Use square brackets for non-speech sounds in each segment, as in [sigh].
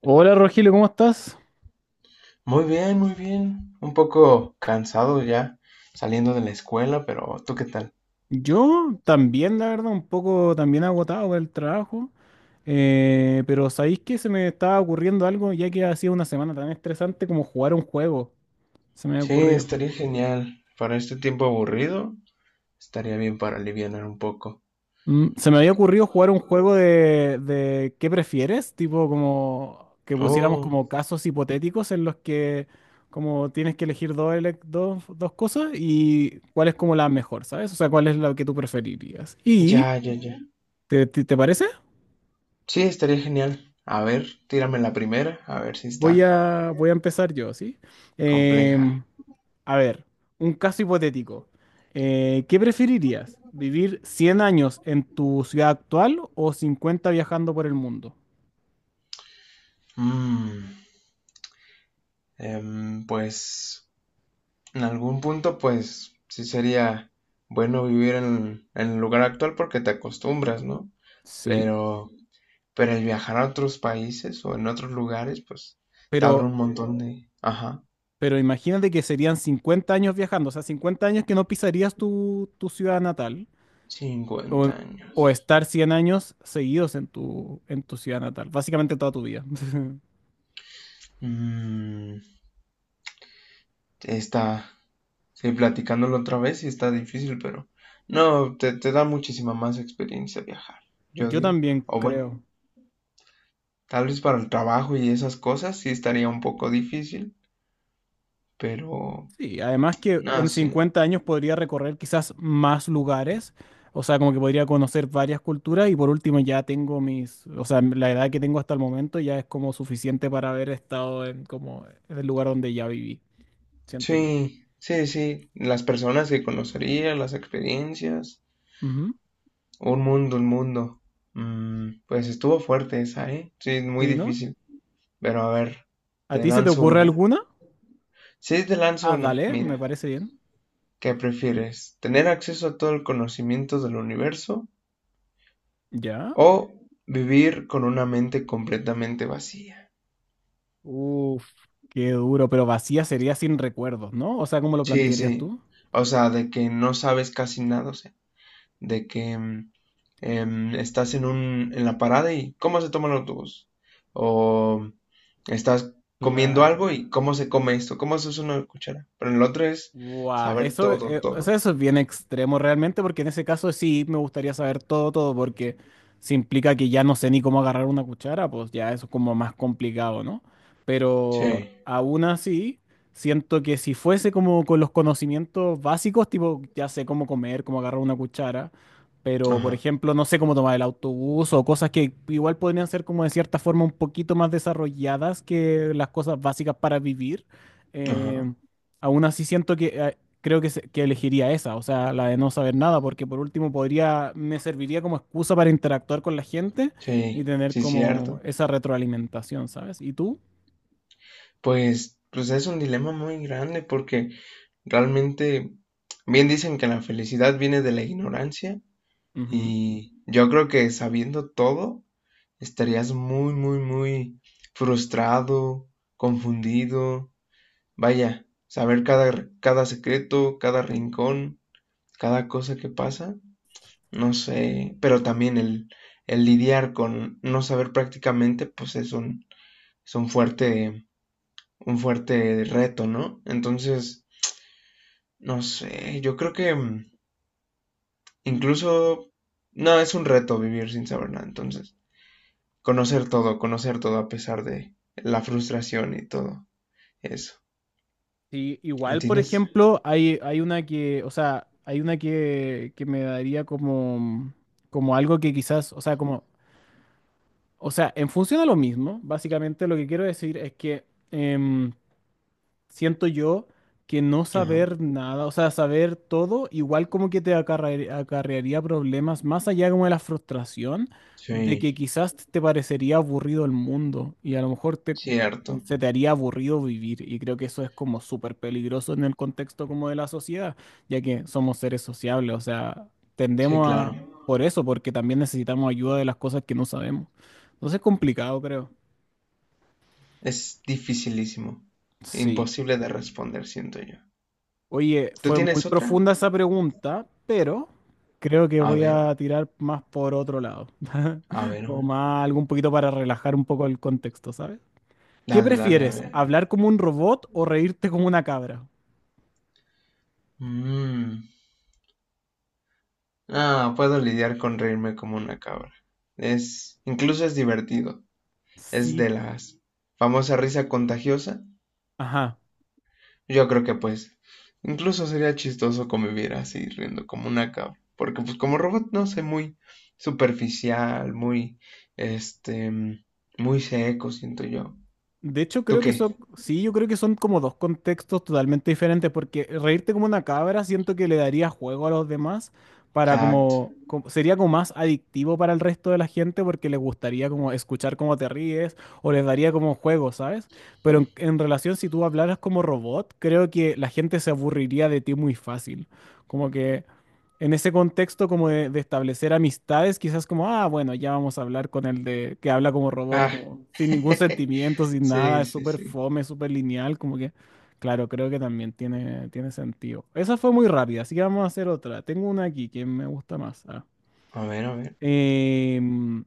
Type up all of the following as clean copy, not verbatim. Hola Rogelio, ¿cómo estás? Muy bien, muy bien. Un poco cansado ya saliendo de la escuela, pero ¿tú qué tal? Yo también, la verdad, un poco también agotado por el trabajo, pero ¿sabéis que se me estaba ocurriendo algo ya que ha sido una semana tan estresante como jugar un juego? Se me había Sí, ocurrido. estaría genial. Para este tiempo aburrido, estaría bien para alivianar un poco. Se me había ocurrido jugar un juego de ¿qué prefieres? Tipo como que pusiéramos como Oh, casos hipotéticos en los que como tienes que elegir dos cosas y cuál es como la mejor, ¿sabes? O sea, cuál es la que tú preferirías. ¿Y ya. te parece? Sí, estaría genial. A ver, tírame la primera, a ver si Voy está a, voy a empezar yo, ¿sí? compleja. Em, a ver, un caso hipotético. ¿Qué preferirías? ¿Vivir 100 años en tu ciudad actual o 50 viajando por el mundo? Mm, pues, en algún punto, pues, sí sería bueno vivir en el lugar actual porque te acostumbras, ¿no? Sí, Pero... Pero el viajar a otros países o en otros lugares, pues te abre un pero, montón de... Ajá, pero imagínate que serían 50 años viajando, o sea, 50 años que no pisarías tu ciudad natal o, 50 o años. estar 100 años seguidos en tu ciudad natal, básicamente toda tu vida. [laughs] Mm, está... Sí, platicándolo otra vez y está difícil, pero... No, te da muchísima más experiencia viajar, yo Yo digo. también O bueno, creo. tal vez para el trabajo y esas cosas sí estaría un poco difícil, pero... Sí, además que No, en sí. 50 años podría recorrer quizás más lugares, o sea, como que podría conocer varias culturas y por último ya tengo mis, o sea, la edad que tengo hasta el momento ya es como suficiente para haber estado en como en el lugar donde ya viví, siento yo. Sí. Las personas que conocería, las experiencias. Ujú. Un mundo, un mundo. Pues estuvo fuerte esa, ¿eh? Sí, es muy ¿Sí, no? difícil. Pero a ver, ¿A te ti se te lanzo ocurre una. alguna? Sí, te lanzo Ah, una. dale, me Mira, parece bien. ¿qué prefieres? ¿Tener acceso a todo el conocimiento del universo ¿Ya? o vivir con una mente completamente vacía? Uf, qué duro, pero vacía sería sin recuerdos, ¿no? O sea, ¿cómo lo Sí, plantearías sí. tú? O sea, de que no sabes casi nada, o sea, de que estás en un, en la parada y cómo se toma el autobús. O estás comiendo Claro. algo y cómo se come esto, cómo se usa una cuchara. Pero en el otro es Guau, saber eso, todo, o sea, todo. eso es bien extremo realmente, porque en ese caso sí me gustaría saber todo, todo, porque si implica que ya no sé ni cómo agarrar una cuchara, pues ya eso es como más complicado, ¿no? Pero Sí, aún así, siento que si fuese como con los conocimientos básicos, tipo, ya sé cómo comer, cómo agarrar una cuchara, pero por ajá, ejemplo, no sé cómo tomar el autobús o cosas que igual podrían ser como de cierta forma un poquito más desarrolladas que las cosas básicas para vivir. eh, ajá, Aún así siento que creo que elegiría esa, o sea, la de no saber nada, porque por último me serviría como excusa para interactuar con la gente y sí, tener sí, como cierto. esa retroalimentación, ¿sabes? ¿Y tú? Pues es un dilema muy grande porque realmente bien dicen que la felicidad viene de la ignorancia Ujú, y yo creo que sabiendo todo estarías muy, muy, muy frustrado, confundido. Vaya, saber cada, cada secreto, cada rincón, cada cosa que pasa, no sé, pero también el lidiar con no saber prácticamente, pues es un fuerte reto, ¿no? Entonces, no sé, yo creo que ujú. incluso, no, es un reto vivir sin saber nada, entonces, conocer todo a pesar de la frustración y todo. Eso. Sí, igual, por ¿Entiendes? ejemplo, hay una que, o sea, hay una que me daría como, como algo que quizás, o sea, como, o sea, en función a lo mismo, básicamente lo que quiero decir es que... em, siento yo que no Ajá. saber nada, o sea, saber todo, igual como que te acarrearía problemas, más allá como de la frustración, de que Sí, quizás te parecería aburrido el mundo y a lo mejor cierto. se te haría aburrido vivir. Y creo que eso es como súper peligroso en el contexto como de la sociedad, ya que somos seres sociables, o sea, Sí, tendemos a. claro. Por eso, porque también necesitamos ayuda de las cosas que no sabemos. Entonces es complicado, creo. Es dificilísimo. Sí. Imposible de responder, siento yo. Oye, ¿Tú fue muy tienes otra? profunda esa pregunta, pero creo que A voy ver, a tirar más por otro lado, a [laughs] ver, a o ver. más algo un poquito para relajar un poco el contexto, ¿sabes? ¿Qué Dale, dale, a prefieres, ver. hablar como un robot o reírte como una cabra? Mm. Ah, puedo lidiar con reírme como una cabra. Es, incluso es divertido. Es Sí, de las famosa risa contagiosa. ajá. Yo creo que incluso sería chistoso convivir así, riendo como una cabra. Porque pues como robot, no sé, muy superficial, este, muy seco, siento yo. De hecho, ¿Tú creo que qué? son, sí, yo creo que son como dos contextos totalmente diferentes, porque reírte como una cabra siento que le daría juego a los demás para Exacto. Sería como más adictivo para el resto de la gente porque les gustaría como escuchar cómo te ríes o les daría como juego, ¿sabes? Pero en relación si tú hablaras como robot, creo que la gente se aburriría de ti muy fácil. Como que en ese contexto como de establecer amistades, quizás como, ah, bueno, ya vamos a hablar con el de que habla como robot, Ah, como sin ningún sentimiento, [laughs] sin nada, sí, es sí, súper sí. fome, súper lineal, como que, claro, creo que también tiene sentido. Esa fue muy rápida, así que vamos a hacer otra. Tengo una aquí que me gusta más. Ah. A ver, a ver. Em,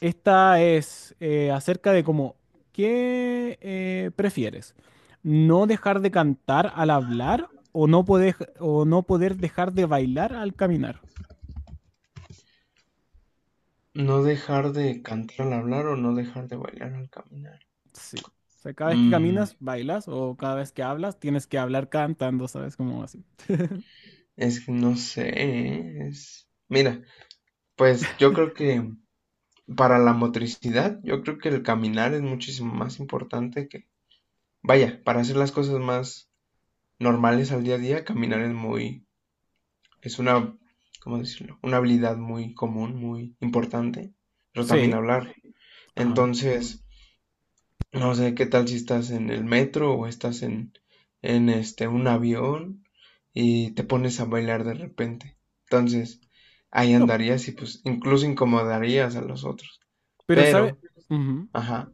Esta es acerca de como, ¿qué prefieres? ¿No dejar de cantar al hablar o no poder dejar de bailar al caminar? ¿No dejar de cantar al hablar o no dejar de bailar al caminar? Sí. O sea, cada vez que Mm, caminas, bailas, o cada vez que hablas, tienes que hablar cantando, ¿sabes? Como así. es que no sé, ¿eh? Es... Mira, pues yo creo que para la motricidad, yo creo que el caminar es muchísimo más importante que... Vaya, para hacer las cosas más normales al día a día, caminar es muy, es una, ¿cómo decirlo? Una habilidad muy común, muy importante, pero también Sí, hablar. ajá. Entonces, no sé qué tal si estás en el metro o estás en, un avión y te pones a bailar de repente. Entonces, ahí No, andarías y pues incluso incomodarías a los otros. pero sabes. Pero, ajá,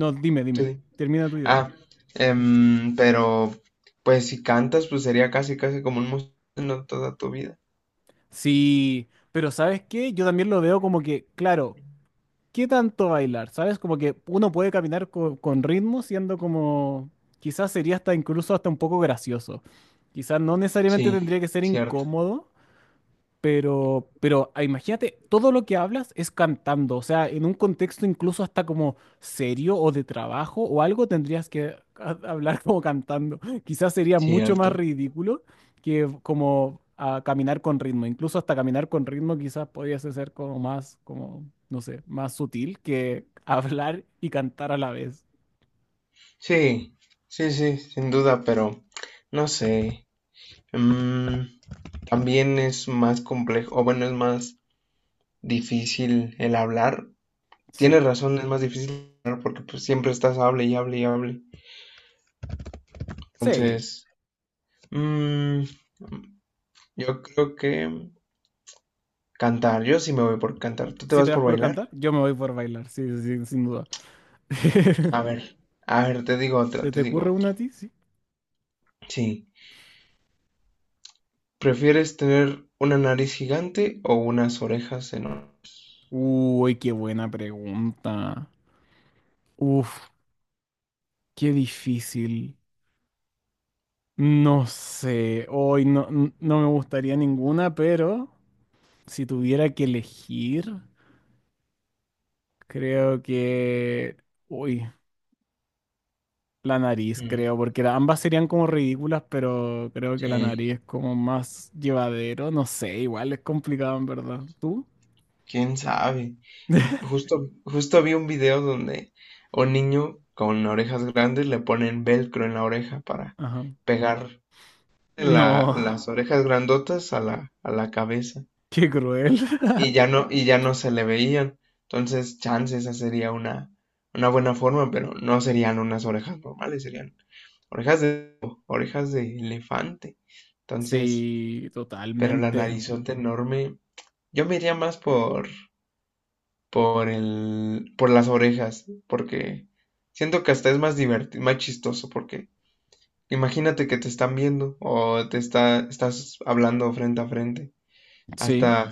No, dime, dime. tú... Termina tu idea. Ah, pero pues si cantas, pues sería casi casi como un músico toda tu vida. Sí, pero ¿sabes qué? Yo también lo veo como que, claro, ¿qué tanto bailar? ¿Sabes? Como que uno puede caminar con ritmo siendo como, quizás sería hasta incluso hasta un poco gracioso. Quizás no necesariamente tendría Sí, que ser cierto. incómodo. Pero, imagínate, todo lo que hablas es cantando, o sea, en un contexto incluso hasta como serio o de trabajo o algo tendrías que hablar como cantando. [laughs] Quizás sería mucho más Cierto. ridículo que como caminar con ritmo. Incluso hasta caminar con ritmo quizás podrías ser como más, como, no sé, más sutil que [laughs] hablar y cantar a la vez. Sí, sí, sin duda, pero no sé. Mm, También es más complejo, o bueno, es más difícil el hablar. Sí, Tienes razón, es más difícil hablar porque pues siempre estás hable y hable y hable. sí. Entonces, mm, yo creo que cantar, yo sí me voy por cantar. ¿Tú te Si vas te vas por por bailar? cantar, yo me voy por bailar, sí, sí, sí, sin duda. A [laughs] ver, a ver, te digo otra, ¿Te te digo ocurre otra. una a ti? Sí. Sí. ¿Prefieres tener una nariz gigante o unas orejas enormes? Uy, qué buena pregunta. Uf, qué difícil. No sé, hoy no, no me gustaría ninguna, pero si tuviera que elegir, creo que. Uy, la nariz, Mm, creo, porque ambas serían como ridículas, pero creo que la Sí, nariz es como más llevadero. No sé, igual es complicado en verdad. ¿Tú? quién sabe. [laughs] Justo, justo vi un video donde un niño con orejas grandes le ponen velcro en la oreja para Ajá. pegar No, las orejas grandotas a a la cabeza. qué cruel. [laughs] Y ya no se le veían. Entonces, chance, esa sería una buena forma, pero no serían unas orejas normales, serían orejas de, orejas de elefante. Entonces, Sí, pero la totalmente. narizota enorme, yo me iría más por, por las orejas, porque siento que hasta es más divertido, más chistoso, porque imagínate que te están viendo o estás hablando frente a frente. Sí. Hasta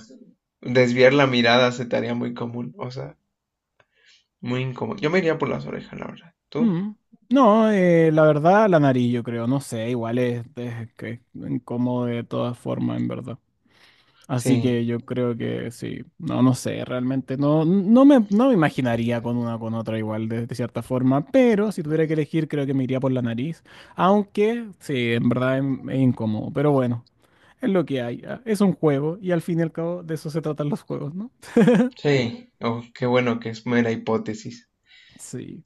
desviar la mirada se te haría muy común, o sea. Muy incómodo. Yo me iría por las orejas, la verdad. ¿Tú? Mm. No, la verdad, la nariz, yo creo, no sé, igual es que es incómodo de todas formas, en verdad. Así Sí, que yo creo que sí, no, no sé, realmente no, no me imaginaría con una o con otra igual de cierta forma, pero si tuviera que elegir creo que me iría por la nariz, aunque sí, en verdad es incómodo, pero bueno, es lo que hay, ah, es un juego y al fin y al cabo de eso se tratan los juegos, ¿no? sí. Oh, qué bueno que es mera hipótesis. Sí.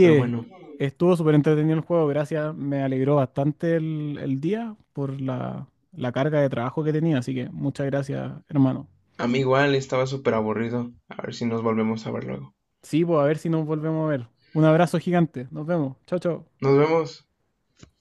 Pero bueno, estuvo súper entretenido el juego, gracias. Me alegró bastante el día por la carga de trabajo que tenía, así que muchas gracias, hermano. a mí igual estaba súper aburrido. A ver si nos volvemos a ver luego. Sí, pues a ver si nos volvemos a ver. Un abrazo gigante, nos vemos. Chao, chao. Nos vemos.